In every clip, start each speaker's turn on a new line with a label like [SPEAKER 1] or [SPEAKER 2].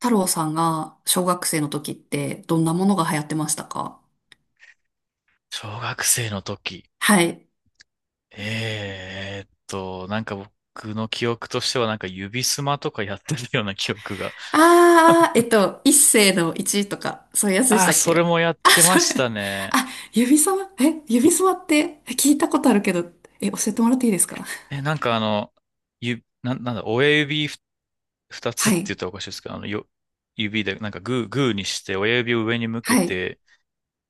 [SPEAKER 1] 太郎さんが小学生の時ってどんなものが流行ってましたか？
[SPEAKER 2] 小学生の時。
[SPEAKER 1] はい。
[SPEAKER 2] 僕の記憶としては指スマとかやってるような記憶が。
[SPEAKER 1] あー、一世の一とか、そういうやつでし
[SPEAKER 2] ああ、
[SPEAKER 1] たっ
[SPEAKER 2] それ
[SPEAKER 1] け？
[SPEAKER 2] もやっ
[SPEAKER 1] あ、
[SPEAKER 2] てま
[SPEAKER 1] それ。
[SPEAKER 2] したね。
[SPEAKER 1] あ、指さま、え、指
[SPEAKER 2] い
[SPEAKER 1] すまって聞いたことあるけど、え、教えてもらっていいですか？
[SPEAKER 2] え、なんかあの、ゆ、な、なんだ、親指二つ
[SPEAKER 1] は
[SPEAKER 2] って言
[SPEAKER 1] い。
[SPEAKER 2] ったらおかしいですけど、指で、なんかグー、グーにして、親指を上に向け
[SPEAKER 1] はい。
[SPEAKER 2] て、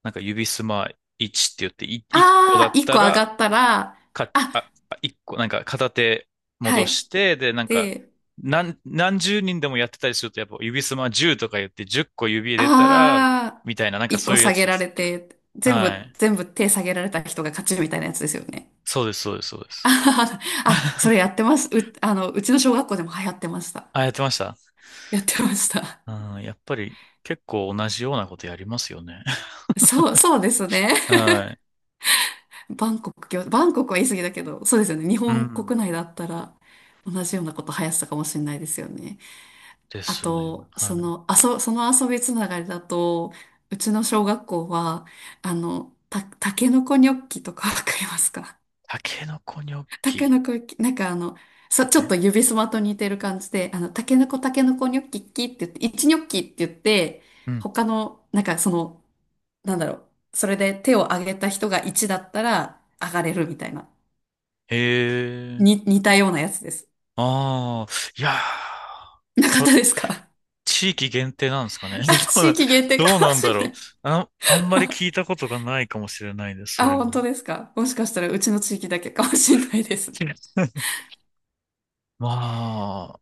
[SPEAKER 2] なんか指スマ1って言って、1個だ
[SPEAKER 1] あー、
[SPEAKER 2] っ
[SPEAKER 1] 一
[SPEAKER 2] た
[SPEAKER 1] 個上が
[SPEAKER 2] ら、
[SPEAKER 1] ったら、
[SPEAKER 2] か、
[SPEAKER 1] あ、
[SPEAKER 2] あ、あ一個、なんか片手
[SPEAKER 1] は
[SPEAKER 2] 戻
[SPEAKER 1] い。
[SPEAKER 2] して、で、なんか、
[SPEAKER 1] で、
[SPEAKER 2] 何十人でもやってたりすると、やっぱ指すま10とか言って10個指入れたら、
[SPEAKER 1] あ
[SPEAKER 2] みたいな、なん
[SPEAKER 1] ー、
[SPEAKER 2] か
[SPEAKER 1] 一
[SPEAKER 2] そ
[SPEAKER 1] 個
[SPEAKER 2] ういうや
[SPEAKER 1] 下
[SPEAKER 2] つ
[SPEAKER 1] げ
[SPEAKER 2] で
[SPEAKER 1] られ
[SPEAKER 2] す。
[SPEAKER 1] て、全
[SPEAKER 2] は
[SPEAKER 1] 部、
[SPEAKER 2] い。
[SPEAKER 1] 全部手下げられた人が勝ちみたいなやつですよね。
[SPEAKER 2] そうです、そうです、そうで す。
[SPEAKER 1] あ、あそれやってます。う、うちの小学校でも流行ってました。
[SPEAKER 2] あ、やってました。
[SPEAKER 1] やってました。
[SPEAKER 2] うん、やっぱり結構同じようなことやりますよね。
[SPEAKER 1] そうです ね。
[SPEAKER 2] はい。
[SPEAKER 1] バンコクは言い過ぎだけど、そうですよね。日
[SPEAKER 2] う
[SPEAKER 1] 本
[SPEAKER 2] ん。
[SPEAKER 1] 国内だったら同じようなこと流行ってたかもしれないですよね。
[SPEAKER 2] で
[SPEAKER 1] あ
[SPEAKER 2] すね。
[SPEAKER 1] と、
[SPEAKER 2] はい。
[SPEAKER 1] その遊びつながりだと、うちの小学校は、あの、タケノコニョッキとかわかりますか？
[SPEAKER 2] タケノコニョッ
[SPEAKER 1] タケ
[SPEAKER 2] キ。
[SPEAKER 1] ノコ、なんかあの、ちょっと
[SPEAKER 2] え
[SPEAKER 1] 指すまと似てる感じで、あの、タケノコ、ニョッキッキって言って、一ニョッキって言って、
[SPEAKER 2] うん。
[SPEAKER 1] 他の、なんかその、なんだろう、それで手を挙げた人が一だったら、上がれるみたいな、
[SPEAKER 2] へえ。
[SPEAKER 1] 似たようなやつです。
[SPEAKER 2] ああ、いやー、
[SPEAKER 1] なかったで
[SPEAKER 2] そ
[SPEAKER 1] すか？
[SPEAKER 2] 地域限定なんですかね。
[SPEAKER 1] あ、
[SPEAKER 2] どう
[SPEAKER 1] 地
[SPEAKER 2] な、
[SPEAKER 1] 域限定
[SPEAKER 2] どう
[SPEAKER 1] かも
[SPEAKER 2] なん
[SPEAKER 1] し
[SPEAKER 2] だ
[SPEAKER 1] れ
[SPEAKER 2] ろ
[SPEAKER 1] な
[SPEAKER 2] う。
[SPEAKER 1] い。
[SPEAKER 2] あ、あんまり聞 いたことがないかもしれないです、そ
[SPEAKER 1] あ、
[SPEAKER 2] れ
[SPEAKER 1] 本
[SPEAKER 2] も。
[SPEAKER 1] 当ですか？もしかしたらうちの地域だけかもしれないですね。
[SPEAKER 2] まあ、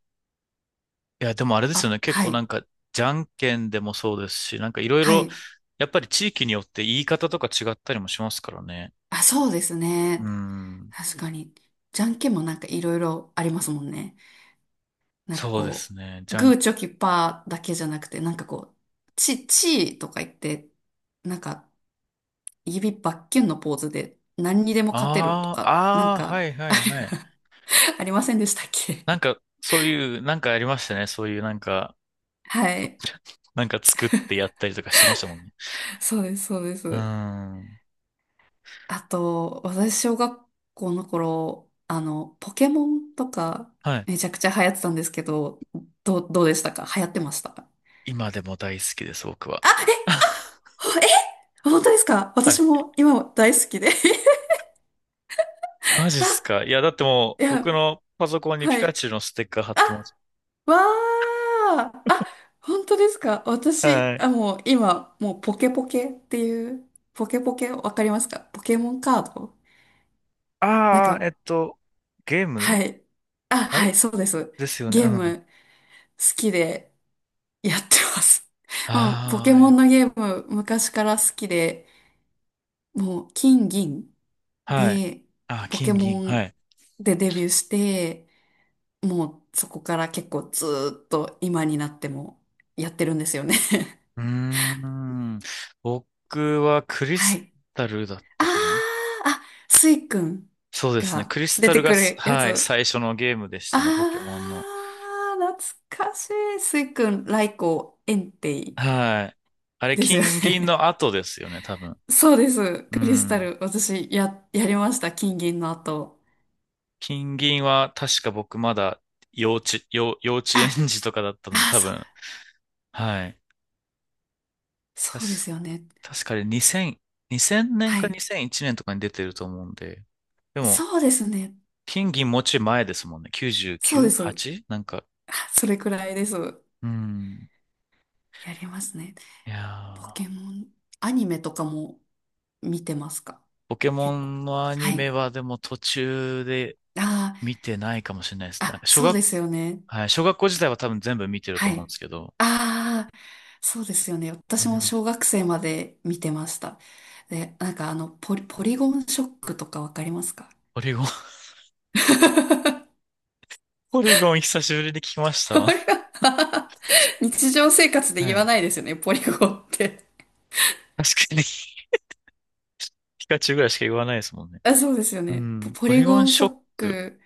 [SPEAKER 2] いや、でもあれですよ
[SPEAKER 1] あ、
[SPEAKER 2] ね。結
[SPEAKER 1] は
[SPEAKER 2] 構な
[SPEAKER 1] い、
[SPEAKER 2] んか、じゃんけんでもそうですし、なんかいろい
[SPEAKER 1] は
[SPEAKER 2] ろ、
[SPEAKER 1] い。
[SPEAKER 2] やっぱり地域によって言い方とか違ったりもしますからね。
[SPEAKER 1] あ、そうですね。
[SPEAKER 2] うん。
[SPEAKER 1] 確かに。じゃんけんもなんかいろいろありますもんね。なんか
[SPEAKER 2] そうで
[SPEAKER 1] こ
[SPEAKER 2] すね。
[SPEAKER 1] う、
[SPEAKER 2] じゃん、
[SPEAKER 1] グーチョキパーだけじゃなくて、なんかこう、チーとか言って、なんか指バッキュンのポーズで何にでも勝てると
[SPEAKER 2] ああ、
[SPEAKER 1] か、なん
[SPEAKER 2] ああ、
[SPEAKER 1] か、
[SPEAKER 2] はいは
[SPEAKER 1] あ
[SPEAKER 2] いはい。
[SPEAKER 1] れ、 ありませんでしたっけ？
[SPEAKER 2] なんか、そういう、なんかありましたね。そういうなんか、
[SPEAKER 1] はい。
[SPEAKER 2] なんか作ってやったりとかしてましたもんね。
[SPEAKER 1] そうです、そうで
[SPEAKER 2] う
[SPEAKER 1] す。
[SPEAKER 2] ん。
[SPEAKER 1] あと、私、小学校の頃、あの、ポケモンとか、
[SPEAKER 2] はい。
[SPEAKER 1] めちゃくちゃ流行ってたんですけど、どうでしたか？流行ってました？
[SPEAKER 2] 今でも大好きです、僕は。
[SPEAKER 1] あ、え、ほえ、本当ですか？
[SPEAKER 2] は
[SPEAKER 1] 私
[SPEAKER 2] い。
[SPEAKER 1] も今大好きで。
[SPEAKER 2] マジっす
[SPEAKER 1] あ、
[SPEAKER 2] か。いや、だっても
[SPEAKER 1] い
[SPEAKER 2] う、
[SPEAKER 1] や、
[SPEAKER 2] 僕のパソコンにピ
[SPEAKER 1] は
[SPEAKER 2] カ
[SPEAKER 1] い。
[SPEAKER 2] チュウのステッカー貼っ
[SPEAKER 1] あ
[SPEAKER 2] てます。
[SPEAKER 1] わあ、あ、本当ですか？私、
[SPEAKER 2] はい。
[SPEAKER 1] あ、もうポケポケっていう、ポケポケわかりますか？ポケモンカードなん
[SPEAKER 2] ああ、え
[SPEAKER 1] か、
[SPEAKER 2] っと、ゲーム
[SPEAKER 1] はい。あ、
[SPEAKER 2] あ
[SPEAKER 1] はい、
[SPEAKER 2] れ
[SPEAKER 1] そうです。
[SPEAKER 2] ですよね。
[SPEAKER 1] ゲ
[SPEAKER 2] うん。
[SPEAKER 1] ー
[SPEAKER 2] あ
[SPEAKER 1] ム好きでやってます。もうポケモ
[SPEAKER 2] あ、
[SPEAKER 1] ンのゲーム昔から好きで、もう金銀
[SPEAKER 2] はい。
[SPEAKER 1] で
[SPEAKER 2] あー、
[SPEAKER 1] ポケ
[SPEAKER 2] 金銀。
[SPEAKER 1] モ
[SPEAKER 2] は
[SPEAKER 1] ン
[SPEAKER 2] い。
[SPEAKER 1] でデビューして、もうそこから結構ずーっと今になってもやってるんですよね。
[SPEAKER 2] うーん。僕はク リ
[SPEAKER 1] は
[SPEAKER 2] ス
[SPEAKER 1] い。
[SPEAKER 2] タルだっ
[SPEAKER 1] あー、
[SPEAKER 2] たかな。
[SPEAKER 1] あ、スイくん
[SPEAKER 2] そうですね。
[SPEAKER 1] が
[SPEAKER 2] クリス
[SPEAKER 1] 出
[SPEAKER 2] タ
[SPEAKER 1] て
[SPEAKER 2] ルが
[SPEAKER 1] く
[SPEAKER 2] す、
[SPEAKER 1] るや
[SPEAKER 2] はい、
[SPEAKER 1] つ。
[SPEAKER 2] 最初のゲームでし
[SPEAKER 1] あ
[SPEAKER 2] たね、ポケモンの。
[SPEAKER 1] あ、懐かしい。スイくん、ライコウ、エンテイ
[SPEAKER 2] はい。あれ、
[SPEAKER 1] ですよ
[SPEAKER 2] 金銀
[SPEAKER 1] ね。
[SPEAKER 2] の後ですよね、多分。
[SPEAKER 1] そうです。
[SPEAKER 2] う
[SPEAKER 1] クリスタ
[SPEAKER 2] ん。
[SPEAKER 1] ル、私、やりました。金銀の後。
[SPEAKER 2] 金銀は確か僕まだ幼稚園
[SPEAKER 1] あ、
[SPEAKER 2] 児とかだったので
[SPEAKER 1] あ
[SPEAKER 2] 多分、はい。確
[SPEAKER 1] そうですよね。
[SPEAKER 2] 確かに2000、年
[SPEAKER 1] は
[SPEAKER 2] か
[SPEAKER 1] い。
[SPEAKER 2] 2001年とかに出てると思うんで、でも、
[SPEAKER 1] そうですね。
[SPEAKER 2] 金銀もうちょい前ですもんね。
[SPEAKER 1] そうです。
[SPEAKER 2] 99?8? なんか、
[SPEAKER 1] あそれくらいです。や
[SPEAKER 2] うん。
[SPEAKER 1] りますね。
[SPEAKER 2] い
[SPEAKER 1] ポ
[SPEAKER 2] やー、
[SPEAKER 1] ケモン、アニメとかも見てますか？
[SPEAKER 2] ポケモ
[SPEAKER 1] 結構。
[SPEAKER 2] ンのアニ
[SPEAKER 1] は
[SPEAKER 2] メ
[SPEAKER 1] い。
[SPEAKER 2] はでも途中で
[SPEAKER 1] ああ。
[SPEAKER 2] 見てないかもしれないですね。なん
[SPEAKER 1] あ、
[SPEAKER 2] か小
[SPEAKER 1] そう
[SPEAKER 2] 学、
[SPEAKER 1] ですよね。
[SPEAKER 2] はい、小学校時代は多分全部見てると
[SPEAKER 1] は
[SPEAKER 2] 思うんで
[SPEAKER 1] い。
[SPEAKER 2] すけど、
[SPEAKER 1] ああ、そうですよね。
[SPEAKER 2] うん。
[SPEAKER 1] 私も小学生まで見てました。で、なんかあの、ポリゴンショックとかわかりますか？
[SPEAKER 2] ポリゴン、ポリゴン久しぶりに聞きまし
[SPEAKER 1] あ、 れ
[SPEAKER 2] た。
[SPEAKER 1] は、 日常生活で
[SPEAKER 2] は
[SPEAKER 1] 言わ
[SPEAKER 2] い。
[SPEAKER 1] ないですよね、ポリゴンって。
[SPEAKER 2] 確かにピカチュウぐらいしか言わないですもんね。
[SPEAKER 1] あ、そうですよ
[SPEAKER 2] う
[SPEAKER 1] ね。
[SPEAKER 2] ん。
[SPEAKER 1] ポ
[SPEAKER 2] ポ
[SPEAKER 1] リ
[SPEAKER 2] リゴ
[SPEAKER 1] ゴ
[SPEAKER 2] ン
[SPEAKER 1] ンシ
[SPEAKER 2] シ
[SPEAKER 1] ョ
[SPEAKER 2] ョッ
[SPEAKER 1] ッ
[SPEAKER 2] ク。
[SPEAKER 1] ク、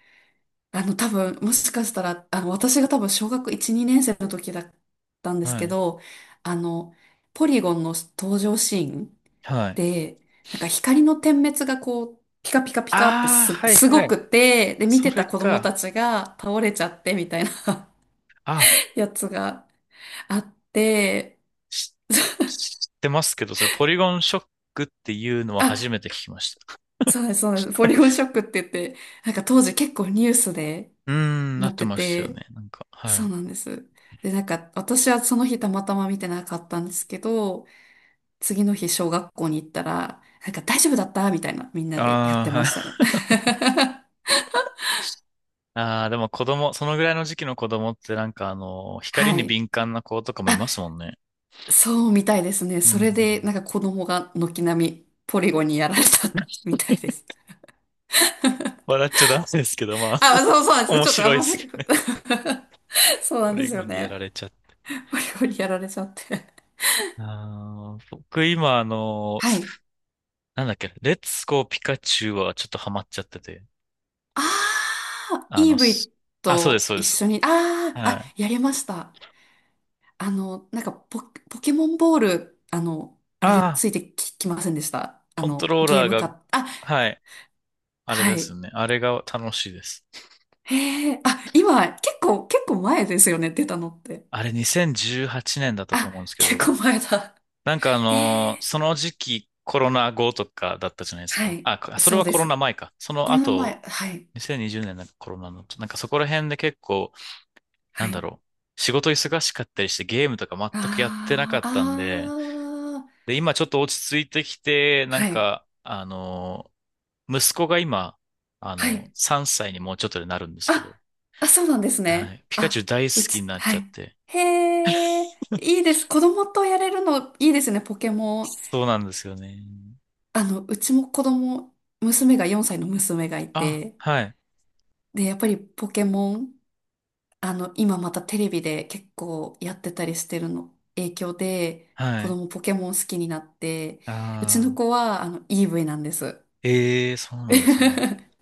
[SPEAKER 1] あの、多分、もしかしたら、あの、私が多分小学1、2年生の時だったんです
[SPEAKER 2] は
[SPEAKER 1] け
[SPEAKER 2] い。
[SPEAKER 1] ど、あの、ポリゴンの登場シーン
[SPEAKER 2] はい。
[SPEAKER 1] で、なんか光の点滅がこう、ピカピカピカって
[SPEAKER 2] ああ、はい
[SPEAKER 1] す
[SPEAKER 2] は
[SPEAKER 1] ご
[SPEAKER 2] い。
[SPEAKER 1] くて、で、見
[SPEAKER 2] そ
[SPEAKER 1] てた
[SPEAKER 2] れ
[SPEAKER 1] 子供た
[SPEAKER 2] か。
[SPEAKER 1] ちが倒れちゃってみたいな
[SPEAKER 2] あ、
[SPEAKER 1] やつがあって、
[SPEAKER 2] し知ってますけど、それポリゴンショックっていうのは初め
[SPEAKER 1] あ、
[SPEAKER 2] て聞きました。
[SPEAKER 1] そうなんです、ポリゴンショックって言って、なんか当時結構ニュースで
[SPEAKER 2] うーん、な
[SPEAKER 1] な
[SPEAKER 2] っ
[SPEAKER 1] っ
[SPEAKER 2] て
[SPEAKER 1] て
[SPEAKER 2] ましたよ
[SPEAKER 1] て、
[SPEAKER 2] ね。なんか、は
[SPEAKER 1] そう
[SPEAKER 2] い。
[SPEAKER 1] なんです。で、なんか私はその日たまたま見てなかったんですけど、次の日小学校に行ったら、なんか大丈夫だったみたいなみんなでや
[SPEAKER 2] あ
[SPEAKER 1] っ
[SPEAKER 2] あ、
[SPEAKER 1] てま
[SPEAKER 2] はい。
[SPEAKER 1] したね。
[SPEAKER 2] ああ、でも子供、そのぐらいの時期の子供ってなんかあの、光
[SPEAKER 1] は
[SPEAKER 2] に
[SPEAKER 1] い。
[SPEAKER 2] 敏感な子とかもいますもんね。
[SPEAKER 1] そうみたいですね。
[SPEAKER 2] う
[SPEAKER 1] それで、なん
[SPEAKER 2] ん。
[SPEAKER 1] か子供が軒並みポリゴンにやられた。 みたいです。
[SPEAKER 2] 笑っちゃダメですけど、まあ、
[SPEAKER 1] あ、そうそうなん ですよ。
[SPEAKER 2] 面
[SPEAKER 1] ちょっとあ
[SPEAKER 2] 白
[SPEAKER 1] ん
[SPEAKER 2] いで
[SPEAKER 1] ま、ふ、
[SPEAKER 2] すね。
[SPEAKER 1] そう な
[SPEAKER 2] ポ
[SPEAKER 1] んで
[SPEAKER 2] リ
[SPEAKER 1] す
[SPEAKER 2] ゴ
[SPEAKER 1] よ
[SPEAKER 2] ンにやら
[SPEAKER 1] ね。
[SPEAKER 2] れちゃった。
[SPEAKER 1] ポリゴンにやられちゃって。
[SPEAKER 2] あー僕今あの、
[SPEAKER 1] はい。
[SPEAKER 2] なんだっけ、レッツゴーピカチュウはちょっとハマっちゃってて。
[SPEAKER 1] ああ、
[SPEAKER 2] あの、す
[SPEAKER 1] EV
[SPEAKER 2] あ、そうです、
[SPEAKER 1] と
[SPEAKER 2] そう
[SPEAKER 1] 一
[SPEAKER 2] です。
[SPEAKER 1] 緒に、ああ、
[SPEAKER 2] は
[SPEAKER 1] あ、
[SPEAKER 2] い。
[SPEAKER 1] やりました。あの、なんかポ、ポケモンボール、あの、あ
[SPEAKER 2] あ
[SPEAKER 1] れで
[SPEAKER 2] あ、
[SPEAKER 1] ついてき、きませんでした？あ
[SPEAKER 2] コント
[SPEAKER 1] の、
[SPEAKER 2] ロー
[SPEAKER 1] ゲー
[SPEAKER 2] ラー
[SPEAKER 1] ム
[SPEAKER 2] が、
[SPEAKER 1] か、あ、
[SPEAKER 2] はい、あれ
[SPEAKER 1] は
[SPEAKER 2] です
[SPEAKER 1] い。
[SPEAKER 2] ね。あれが楽しいです。
[SPEAKER 1] へえ、あ、今、結構前ですよね、出たのって。
[SPEAKER 2] あれ2018年だったと
[SPEAKER 1] あ、
[SPEAKER 2] 思うんですけ
[SPEAKER 1] 結
[SPEAKER 2] ど、
[SPEAKER 1] 構前だ。ええ、
[SPEAKER 2] その時期コロナ後とかだったじゃないです
[SPEAKER 1] は
[SPEAKER 2] か。
[SPEAKER 1] い。
[SPEAKER 2] それ
[SPEAKER 1] そう
[SPEAKER 2] は
[SPEAKER 1] で
[SPEAKER 2] コロナ
[SPEAKER 1] す。
[SPEAKER 2] 前か。その
[SPEAKER 1] コロナ
[SPEAKER 2] 後、
[SPEAKER 1] 前、はい。
[SPEAKER 2] 2020年なんかコロナの、なんかそこら辺で結構、
[SPEAKER 1] は
[SPEAKER 2] なんだ
[SPEAKER 1] い。
[SPEAKER 2] ろう。仕事忙しかったりしてゲームとか全くやってなか
[SPEAKER 1] ああ、
[SPEAKER 2] ったんで、
[SPEAKER 1] あ
[SPEAKER 2] で、今ちょっと落ち着いてきて、
[SPEAKER 1] あ、
[SPEAKER 2] なん
[SPEAKER 1] はい。
[SPEAKER 2] か、あの、息子が今、あ
[SPEAKER 1] は
[SPEAKER 2] の、
[SPEAKER 1] い。
[SPEAKER 2] 3歳にもうちょっとでなるんですけど、
[SPEAKER 1] あ、あ、そうなんです
[SPEAKER 2] は
[SPEAKER 1] ね。
[SPEAKER 2] い。ピカチュウ
[SPEAKER 1] あ、
[SPEAKER 2] 大
[SPEAKER 1] う
[SPEAKER 2] 好き
[SPEAKER 1] ち、
[SPEAKER 2] になっち
[SPEAKER 1] は
[SPEAKER 2] ゃっ
[SPEAKER 1] い。
[SPEAKER 2] て。
[SPEAKER 1] へえ、いいです。子供とやれるのいいですね、ポケモン。
[SPEAKER 2] そうなんですよね。
[SPEAKER 1] あの、うちも子供、娘が4歳の娘がい
[SPEAKER 2] あ、
[SPEAKER 1] て、
[SPEAKER 2] はい、
[SPEAKER 1] で、やっぱりポケモンあの、今またテレビで結構やってたりしてるの影響で、
[SPEAKER 2] は
[SPEAKER 1] 子
[SPEAKER 2] い。
[SPEAKER 1] 供ポケモン好きになって、うち
[SPEAKER 2] あ
[SPEAKER 1] の
[SPEAKER 2] あ、
[SPEAKER 1] 子は、あの、EV なんです。
[SPEAKER 2] ええそうなんですね。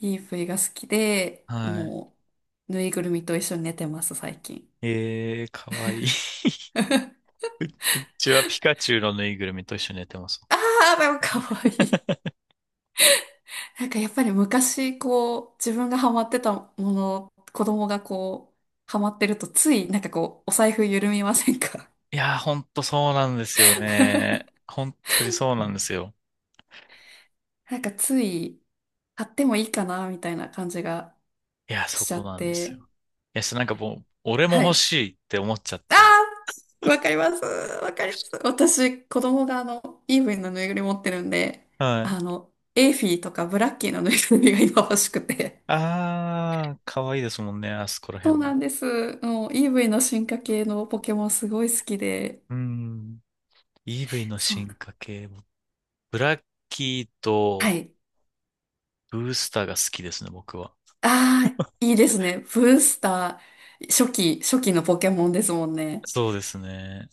[SPEAKER 1] EV が好きで、
[SPEAKER 2] はい。
[SPEAKER 1] もう、ぬいぐるみと一緒に寝てます、最近。
[SPEAKER 2] ええかわいい。うちはピカチュウのぬいぐるみと一緒に寝てます。
[SPEAKER 1] ああ、でもかわいい。なんかやっぱり昔、こう、自分がハマってたもの、子供がこう、ハマってると、つい、なんかこう、お財布緩みませんか？
[SPEAKER 2] いやー、ほんとそうなんですよね。本当にそうなんですよ。
[SPEAKER 1] なんかつい、買ってもいいかな、みたいな感じが
[SPEAKER 2] いや、そ
[SPEAKER 1] しちゃ
[SPEAKER 2] こ
[SPEAKER 1] っ
[SPEAKER 2] なんですよ。
[SPEAKER 1] て、
[SPEAKER 2] なんかもう、俺も
[SPEAKER 1] は
[SPEAKER 2] 欲
[SPEAKER 1] い。
[SPEAKER 2] しいって思っちゃっ
[SPEAKER 1] あ
[SPEAKER 2] て。
[SPEAKER 1] ー、わかります。わかります。私、子供があの、イーブンのぬいぐるみ持ってるんで、
[SPEAKER 2] はい。
[SPEAKER 1] あの、エーフィーとかブラッキーのぬいぐるみが今欲しくて。
[SPEAKER 2] あー、可愛いですもんね、あそこら
[SPEAKER 1] そ
[SPEAKER 2] 辺
[SPEAKER 1] う
[SPEAKER 2] も。
[SPEAKER 1] なんです。もう、イーブイの進化系のポケモンすごい好きで。
[SPEAKER 2] うん。EV の
[SPEAKER 1] そうな。
[SPEAKER 2] 進化系も、ブラッキー
[SPEAKER 1] は
[SPEAKER 2] と
[SPEAKER 1] い。
[SPEAKER 2] ブースターが好きですね、僕は。
[SPEAKER 1] ああ、いいですね。ブースター、初期、初期のポケモンですもんね。
[SPEAKER 2] そうですね。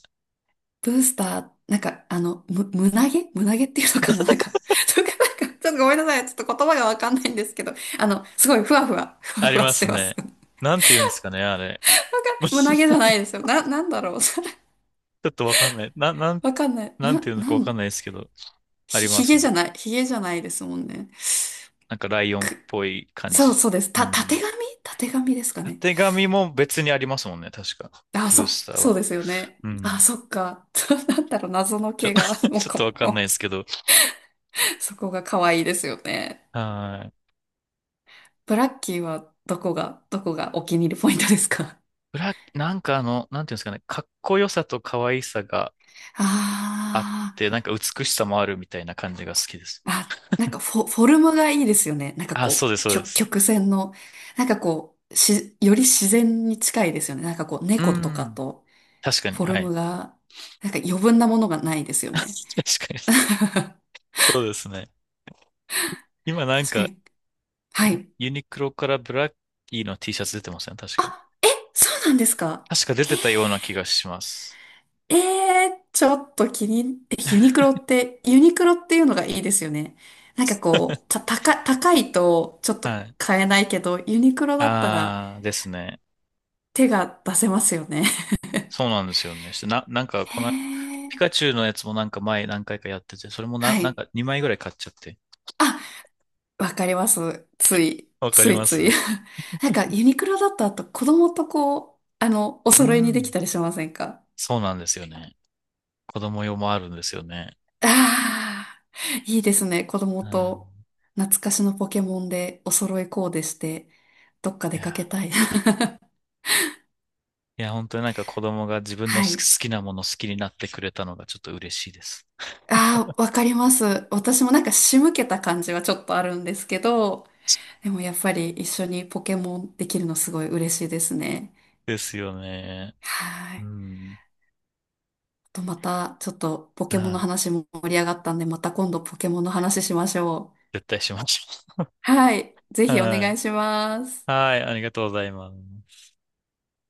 [SPEAKER 1] ブースター、なんか、あの、む、胸毛胸毛っていうのかな、なんか、とか、なんか、ちょっとごめんなさい。ちょっと言葉がわかんないんですけど、あの、すごいふわ
[SPEAKER 2] あり
[SPEAKER 1] ふわ
[SPEAKER 2] ま
[SPEAKER 1] して
[SPEAKER 2] す
[SPEAKER 1] ます。
[SPEAKER 2] ね。なんて言うんですかね、あれ。
[SPEAKER 1] 胸
[SPEAKER 2] ち
[SPEAKER 1] 毛じゃないですよ。な、なんだろう。
[SPEAKER 2] ょっとわかんない。
[SPEAKER 1] わかんない。
[SPEAKER 2] なん
[SPEAKER 1] な、
[SPEAKER 2] て言うの
[SPEAKER 1] な
[SPEAKER 2] かわか
[SPEAKER 1] ん、
[SPEAKER 2] んないですけど、あ
[SPEAKER 1] ひ、
[SPEAKER 2] りま
[SPEAKER 1] ひげ
[SPEAKER 2] すね。
[SPEAKER 1] じゃない。ひげじゃないですもんね。
[SPEAKER 2] なんかライオンっ
[SPEAKER 1] く、
[SPEAKER 2] ぽい感
[SPEAKER 1] そう
[SPEAKER 2] じ。
[SPEAKER 1] そうです。
[SPEAKER 2] う
[SPEAKER 1] た、た
[SPEAKER 2] ん。
[SPEAKER 1] てがみたてがみですか
[SPEAKER 2] た
[SPEAKER 1] ね。
[SPEAKER 2] てがみも別にありますもんね、確か。
[SPEAKER 1] あ、
[SPEAKER 2] ブース
[SPEAKER 1] そ、
[SPEAKER 2] ター
[SPEAKER 1] そう
[SPEAKER 2] は。
[SPEAKER 1] ですよね。
[SPEAKER 2] うん。
[SPEAKER 1] あ、そっか。そうなんだろう。謎の毛が、もう
[SPEAKER 2] ちょっとわ
[SPEAKER 1] こ、
[SPEAKER 2] かんな
[SPEAKER 1] も
[SPEAKER 2] いで
[SPEAKER 1] う
[SPEAKER 2] すけど。
[SPEAKER 1] そこが可愛いですよね。
[SPEAKER 2] はい。
[SPEAKER 1] ブラッキーはどこが、どこがお気に入りポイントですか？
[SPEAKER 2] なんかあの、なんていうんですかね、かっこよさと可愛さがあっ
[SPEAKER 1] ああ、
[SPEAKER 2] て、なんか美しさもあるみたいな感じが好きです。
[SPEAKER 1] あ、なんかフォ、フォルムがいいですよね。なんか
[SPEAKER 2] あ、そう
[SPEAKER 1] こ
[SPEAKER 2] です、
[SPEAKER 1] う、
[SPEAKER 2] そうで
[SPEAKER 1] 曲、
[SPEAKER 2] す。
[SPEAKER 1] 曲線の、なんかこう、し、より自然に近いですよね。なんかこう、
[SPEAKER 2] う
[SPEAKER 1] 猫とか
[SPEAKER 2] ん。
[SPEAKER 1] と、
[SPEAKER 2] 確かに、
[SPEAKER 1] フォ
[SPEAKER 2] は
[SPEAKER 1] ル
[SPEAKER 2] い。
[SPEAKER 1] ムが、なんか余分なものがないですよね。
[SPEAKER 2] 確かに。そうですね。今なん
[SPEAKER 1] 確か
[SPEAKER 2] か、
[SPEAKER 1] に。はい。
[SPEAKER 2] ユニクロからブラッキーの T シャツ出てません、確か。
[SPEAKER 1] あ、え、そうなんですか。
[SPEAKER 2] 確か出てたような気がします。
[SPEAKER 1] ええー、ちょっと気に、え、ユニクロって、ユニクロっていうのがいいですよね。なんかこう、た、高、高いとちょっ
[SPEAKER 2] は
[SPEAKER 1] と
[SPEAKER 2] い。
[SPEAKER 1] 買えないけど、ユニクロだったら
[SPEAKER 2] あーですね。
[SPEAKER 1] 手が出せますよね。
[SPEAKER 2] そうなんですよね。して、な、なんか、
[SPEAKER 1] へ
[SPEAKER 2] この、ピカ
[SPEAKER 1] え。
[SPEAKER 2] チュウのやつもなんか前何回かやってて、それもな、
[SPEAKER 1] は
[SPEAKER 2] なん
[SPEAKER 1] い。
[SPEAKER 2] か2枚ぐらい買っちゃって。
[SPEAKER 1] あ、わかります。つい、
[SPEAKER 2] わかり
[SPEAKER 1] つい
[SPEAKER 2] ま
[SPEAKER 1] つい。
[SPEAKER 2] す。
[SPEAKER 1] なんか、ユニクロだと、あと子供とこう、あの、お
[SPEAKER 2] う
[SPEAKER 1] 揃いにでき
[SPEAKER 2] ん。
[SPEAKER 1] たりしませんか？
[SPEAKER 2] そうなんですよね。子供用もあるんですよね。
[SPEAKER 1] ああー、いいですね。子
[SPEAKER 2] う
[SPEAKER 1] 供と
[SPEAKER 2] ん。
[SPEAKER 1] 懐かしのポケモンでお揃いコーデして、どっか
[SPEAKER 2] い
[SPEAKER 1] 出かけ
[SPEAKER 2] や、
[SPEAKER 1] たい。
[SPEAKER 2] いや、本当になんか子供が自分の
[SPEAKER 1] はい。
[SPEAKER 2] 好きなもの好きになってくれたのがちょっと嬉しいです。
[SPEAKER 1] ああ、わかります。私もなんか仕向けた感じはちょっとあるんですけど、でもやっぱり一緒にポケモンできるのすごい嬉しいですね。
[SPEAKER 2] ですよね。
[SPEAKER 1] は
[SPEAKER 2] う
[SPEAKER 1] い。
[SPEAKER 2] ん。
[SPEAKER 1] とまた、ちょっとポケモンの
[SPEAKER 2] はい。
[SPEAKER 1] 話も盛り上がったんで、また今度ポケモンの話しましょう。
[SPEAKER 2] 絶対しましょ
[SPEAKER 1] はい。ぜ
[SPEAKER 2] う。
[SPEAKER 1] ひお
[SPEAKER 2] は
[SPEAKER 1] 願
[SPEAKER 2] い。
[SPEAKER 1] いします。
[SPEAKER 2] はい。ありがとうございます。